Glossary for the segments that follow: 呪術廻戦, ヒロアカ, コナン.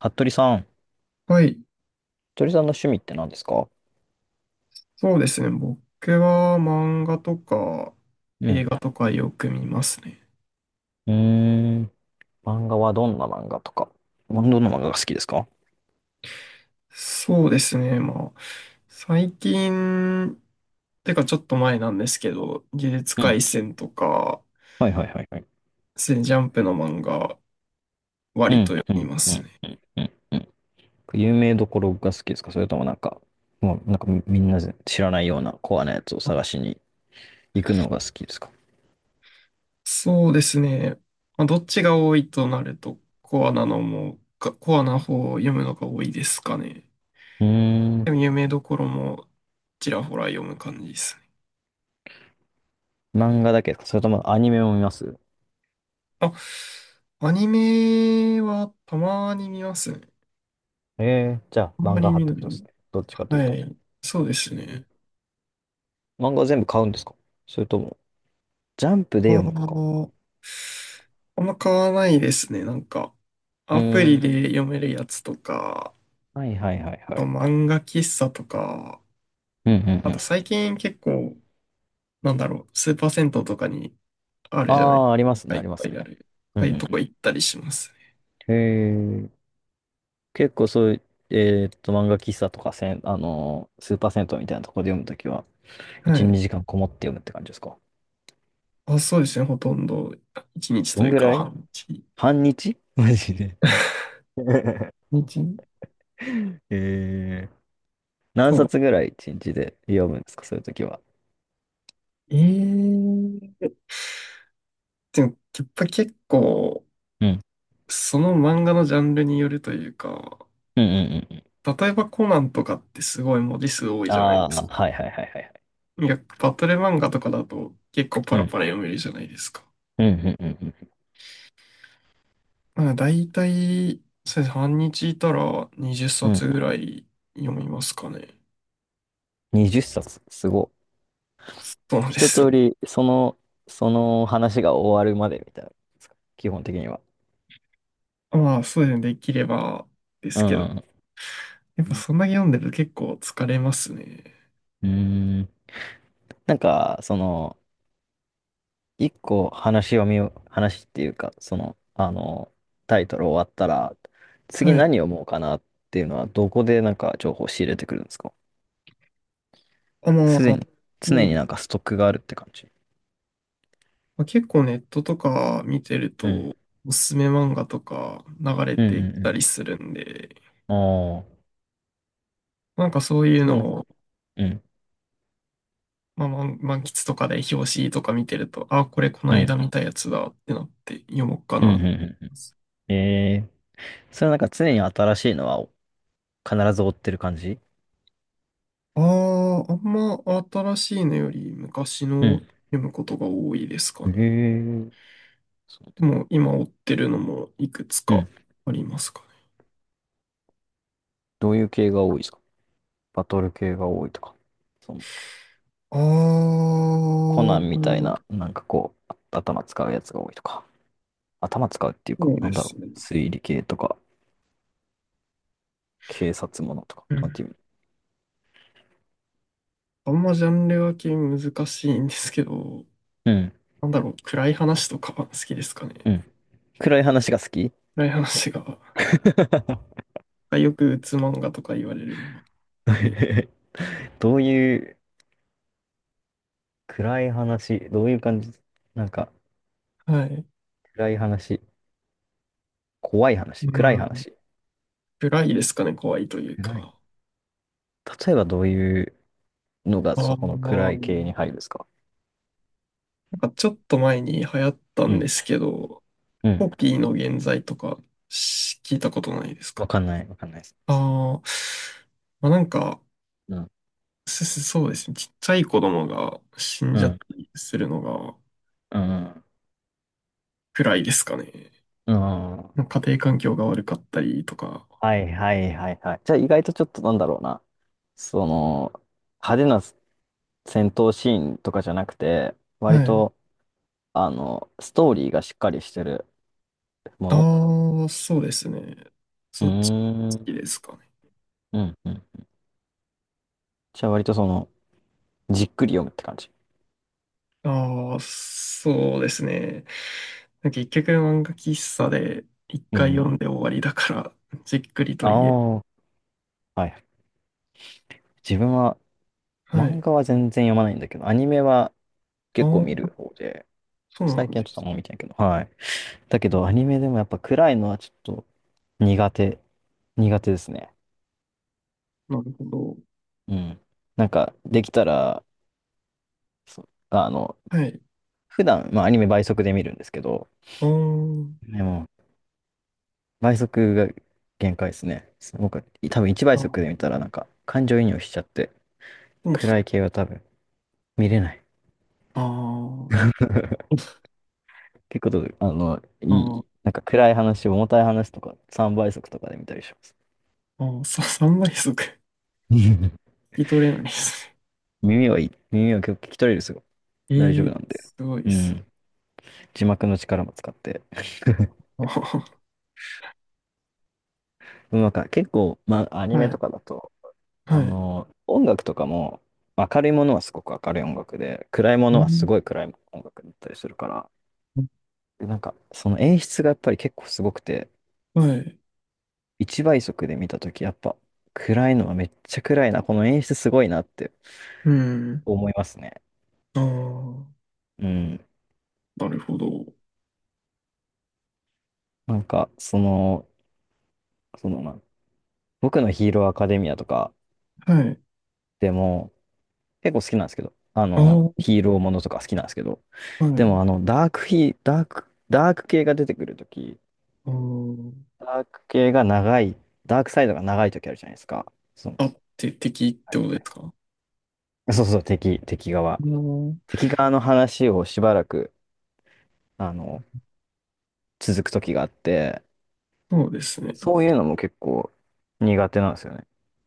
服部さん。はい、鳥さんの趣味って何ですか？そうですね。僕は漫画とかう映ん。画とかよく見ますね。うーん。漫画はどんな漫画とか。どんな漫画が好きですか？そうですね。まあ、最近、てかちょっと前なんですけど、呪術うん。廻戦とか、はいはいはいはい。そういうジャンプの漫画、う割とん、読うみん、まうすん、ね。うん、うん。うん。有名どころが好きですか？それともなんか、もうなんかみんな知らないようなコアなやつを探しに行くのが好きですか？そうですね。まあ、どっちが多いとなると、コアなのも、かコアな方を読むのが多いですかね。うーでもん。有名どころもちらほら読む感じですね。漫画だけですか？それともアニメも見ます？あ、アニメはたまに見ますね。ええー、じゃああん漫ま画り派見っなてことでい。すね。どっちかというはと。い。そうですね。漫画全部買うんですか？それとも、ジャンプであ読むのか？ーあんま買わないですね。なんか、うアプーリん。で読めるやつとか、はいはいはいあはとい。漫画喫茶とか、うんうんうあとん。最近結構、なんだろう、スーパー銭湯とかにあるあじゃないですあ、ありますか、ね、いあっりまぱすいあね。る。うあんあいうとうんこう行ったりしますね。ん。へえ。結構そういう、漫画喫茶とかせん、あのースーパー銭湯みたいなところで読むときは、は1、い。2時間こもって読むって感じですか？あ、そうですね。ほとんど、一日どとんいうぐか、らい？半日。半日マジで。一日えー、何そう。冊ぐらい1日で読むんですか？そういうときは。ええでも、やっぱ結構、うん。その漫画のジャンルによるというか、うんうんうんうん。例えばコナンとかってすごい文字数多いあじゃないあ、ですはいはいはいはいはい。か。いや、バトル漫画とかだと結構パうラん。パラ読めるじゃないですか。うんうんうんうんまあ、だいたい、そうです半日いたら20うん。冊ぐらい読みますかね。20冊、すごっ。そうで一す。通り、その話が終わるまでみたいな、基本的には。まあ、そうですね。できればでうすけど。んやっうぱん。そんなに読んでると結構疲れますね。うーん。なんか、その、一個話を話っていうか、その、あの、タイトル終わったら、次はい。何読もうかなっていうのは、どこでなんか情報を仕入れてくるんですか？あ、ますであ、に、そ常うになんかストックがあるって感じ？まあ、結構ネットとか見てるうん。と、おすすめ漫画とか流れうんてきたうりんするんで、うん。ああ。なんかそういうそうね。のを、うん。まあ、満満喫とかで表紙とか見てると、あ、これこのう間ん。見たやつだってなって読もうかなうとんう思んうんういん。ます。ええ。それはなんか常に新しいのは必ず追ってる感じ？ああ、あんま新しいのより昔うのん。読むことが多いですかえね。ー、そう。でも今追ってるのもいくつうかん。ありますかね。どういう系が多いですか？バトル系が多いとか。その、あコナンみたいな、あ、なんかこう、あ、頭使うやつが多いとか、頭使うっていうか、そうなでんだろすう、ね。推理系とか、警察ものとか、うまあ、ん君。あんまジャンル分け難しいんですけど、うん、なんだろう、暗い話とかは好きですかね。うん。暗い話が好き？ 暗い話が、よくうつ漫画とか言われるのも好き どういう暗い話、どういう感じ、なんかはい。暗い話、怖い話、う暗いん。話。暗いですかね、怖いという暗い。か。例えばどういうのがあそこの暗あ、い系にな入るんですか？んかちょっと前に流行ったうんでん、すけど、うん。コピーの現在とかし聞いたことないですわか？かんない、わかんないです。ああ、まあ、なんか、うん、すそうですね、ちっちゃい子供が死んうじゃったん、りするのがうん、うん。暗いですかね。うん。家庭環境が悪かったりとか。はいはいはいはい。じゃあ意外とちょっとなんだろうな。その、派手な戦闘シーンとかじゃなくて、は割い。と、ストーリーがしっかりしてるもの。ああ、そうですね。うそーっち、好きん、ですかね。うん、うん。じゃあ割とその、じっくり読むって感じ。ああ、そうですね。結局漫画喫茶で一う回読ん。んで終わりだから、じっくりとあ言え。あ、はい。自分は、は漫い。画は全然読まないんだけど、アニメはあ結構あ、見る方で、そうな最ん近はでちょっとあすんま見てないけど、はい。だけね。ど、アニメでもやっぱ暗いのはちょっと苦手、苦手ですね。なるほど。うん。なんか、できたら、そう、はい。普段、まあ、アニメ倍速で見るんですけど、ああ、なでも、倍速が限界ですね。僕、多分1倍るほ速で見たら、なんど。か、感情移入しちゃって、でも暗い系は多分見れない。あ 結構、あ、いあい、なんか暗い話、重たい話とか、3倍速とかで見たりします。あ、ああ、さ、倍速。聞 き取れないですね。耳はいい。耳は結構聞き取れるんですよ。え大丈夫えなんで。すごいっうす。ん。字幕の力も使って。あーでもなんか結構、まあ、アニはメとい。かだと、はい。音楽とかも、明るいものはすごく明るい音楽で、暗いもうのはすん、ごい暗い音楽だったりするから、でなんか、その演出がやっぱり結構すごくて、はい。一倍速で見たとき、やっぱ、暗いのはめっちゃ暗いな、この演出すごいなってうん。思いますね。ああ、うん。なるほど。なんか、その、まあ、僕のヒーローアカデミアとかはい。でも、結構好きなんですけど、ああ、はい。ヒーローものとか好きなんですけど、でもダークヒーダーク、ダーク系が出てくるとき、あーダーク系が長い、ダークサイドが長いときあるじゃないですか。そのあ、あって敵っアてこニとでメすか？あで。そうそう、敵側。あ、敵側の話をしばらく、あの、続くときがあって、そうですね。そういうのも結構苦手なんですよね。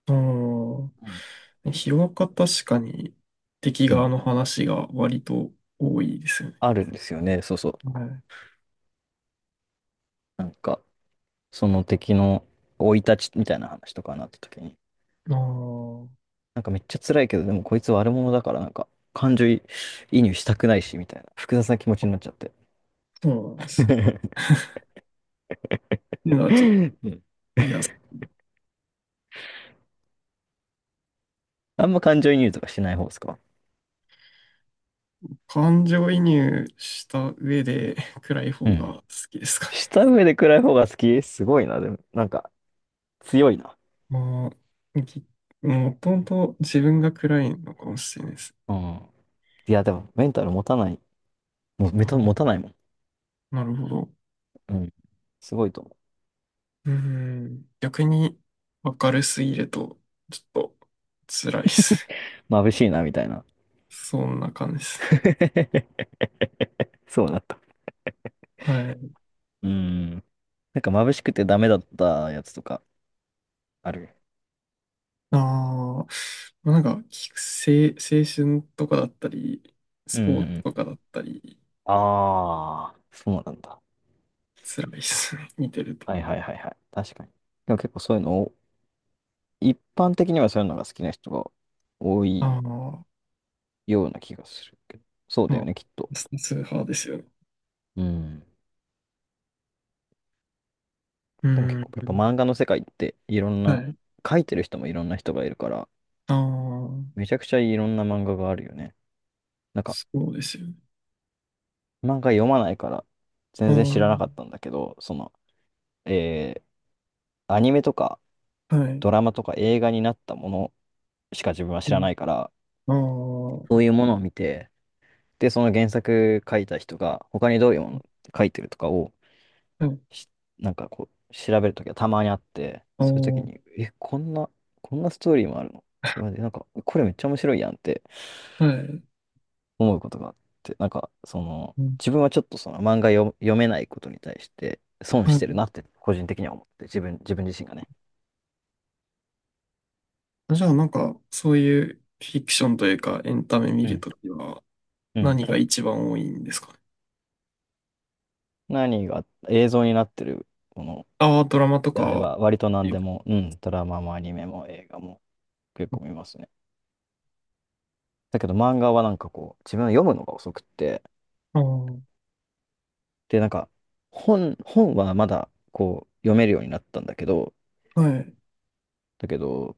あうんあ、ヒロアカ確かに敵う側ん。の話が割と多いですよね。あるんですよね、そうそう。はい。なんか、その敵の生い立ちみたいな話とかになったときに、ああ、そなんかめっちゃ辛いけど、でもこいつ悪者だから、なんか、感情移入したくないし、みたいな、複雑な気持ちになっちゃって。うなんで す。っうていうのはちょっと、ん。いや、あんま感情移入とかしない方ですか？感情移入した上で暗いう方がん。好きですか？した上で暗い方が好き、すごいな。でも、なんか、強いな。まあ、ぎもともと自分が暗いのかもしれないです。うん。いや、でも、メンタル持たない。もう、メはタい持たないもん。なるほど。うん。すごいと思うん。逆に明るすぎると、ちょっと辛いですね。う。眩しいな、みたいな。そんな感じですね。そうなった。はい。うん。なんか、眩しくてダメだったやつとか、ある？ああ、まあ、なんか、きせ青春とかだったり、うスポーツとん。かだったり、ああ、そうなんだ。辛いですね。見てると。はいはいはいはい。確かに。でも結構そういうのを、一般的にはそういうのが好きな人が多あいあ、ような気がするけど。そうだまあ、よね、きっと。ス数派ですよね。うん。うでも結ん。構、やっぱ漫画の世界っていろんはな、い。書いてる人もいろんな人がいるから、ああ、めちゃくちゃいろんな漫画があるよね。なんか、そうですよね。漫画読まないから、あ全然知あ。らなかったんだけど、その、えアニメとかはい。ドラマとか映画になったものしか自分は知うらん。ないから、ああ、はそういうものを見て、で、その原作書いた人が、他にどういうもの書いてるとかをい。しなんかこう、調べるときはたまにあって、ああ、そういうときに、え、こんなストーリーもあるの？うわ、で、なんか、これめっちゃ面白いやんってはい。思うことがあって、なんか、その、うん。自分はちょっとその漫画読めないことに対して損はしてるい。なって個人的には思って、自分自身がね。じゃあ、なんか、そういうフィクションというか、エンタメ見うるん。ときは、うん。何が一番多いんですかね。何が映像になってるものああ、ドラマとであれか。ば、割と何でも、うん、ドラマもアニメも映画も結構見ますね。だけど漫画はなんかこう、自分は読むのが遅くって、ああ、はで、なんか、本はまだ、こう、読めるようになったんだけど、い。だけど、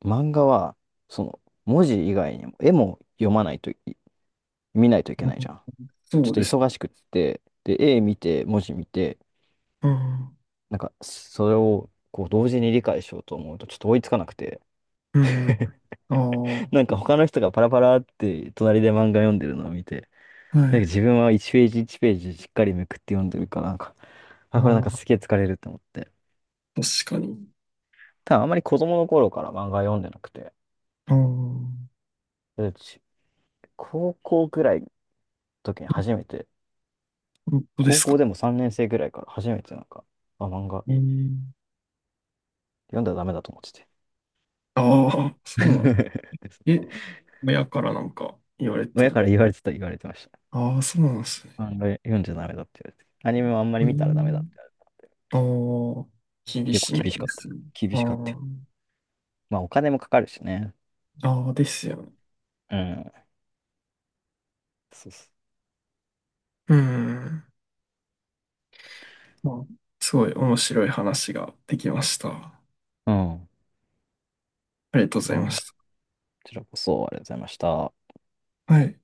漫画は、その、文字以外にも、絵も読まないとい、見ないといけうないじんゃん。ちょそっうとです。忙しくって、で、絵見て、文字見て、うん。なんか、それを、こう、同時に理解しようと思うと、ちょっと追いつかなくて、うん。ああ、は なんか、他の人がパラパラって、隣で漫画読んでるのを見て、なんか、い。自分は1ページ1ページしっかりめくって読んでるから、なんか、ああ、これなんかあ、すげえ疲れると思って。確かに。ただあんまり子供の頃から漫画読んでなくて、ああ、本うち高校ぐらいの時に初めて、当で高す校か？でも3年生ぐらいから初めてなんか、あ、漫画えー、読んだらダメだと思ってて。ああ、そうなん。え、親からなんか言われた親とかか。ら言われてました。ああ、そうなんですね。漫画読んじゃダメだって言われて。アニメもあんまりう見たらダメだってん言われて。ああ、厳結構しめ厳しでかった。すね。厳あしかった。ーまあお金もかかるしね。ああですよね。うん。そうそうん。まあ、すごい面白い話ができました。あう。ん。りがとうござまいあ、まこしちらこそありがとうございました。た。はい。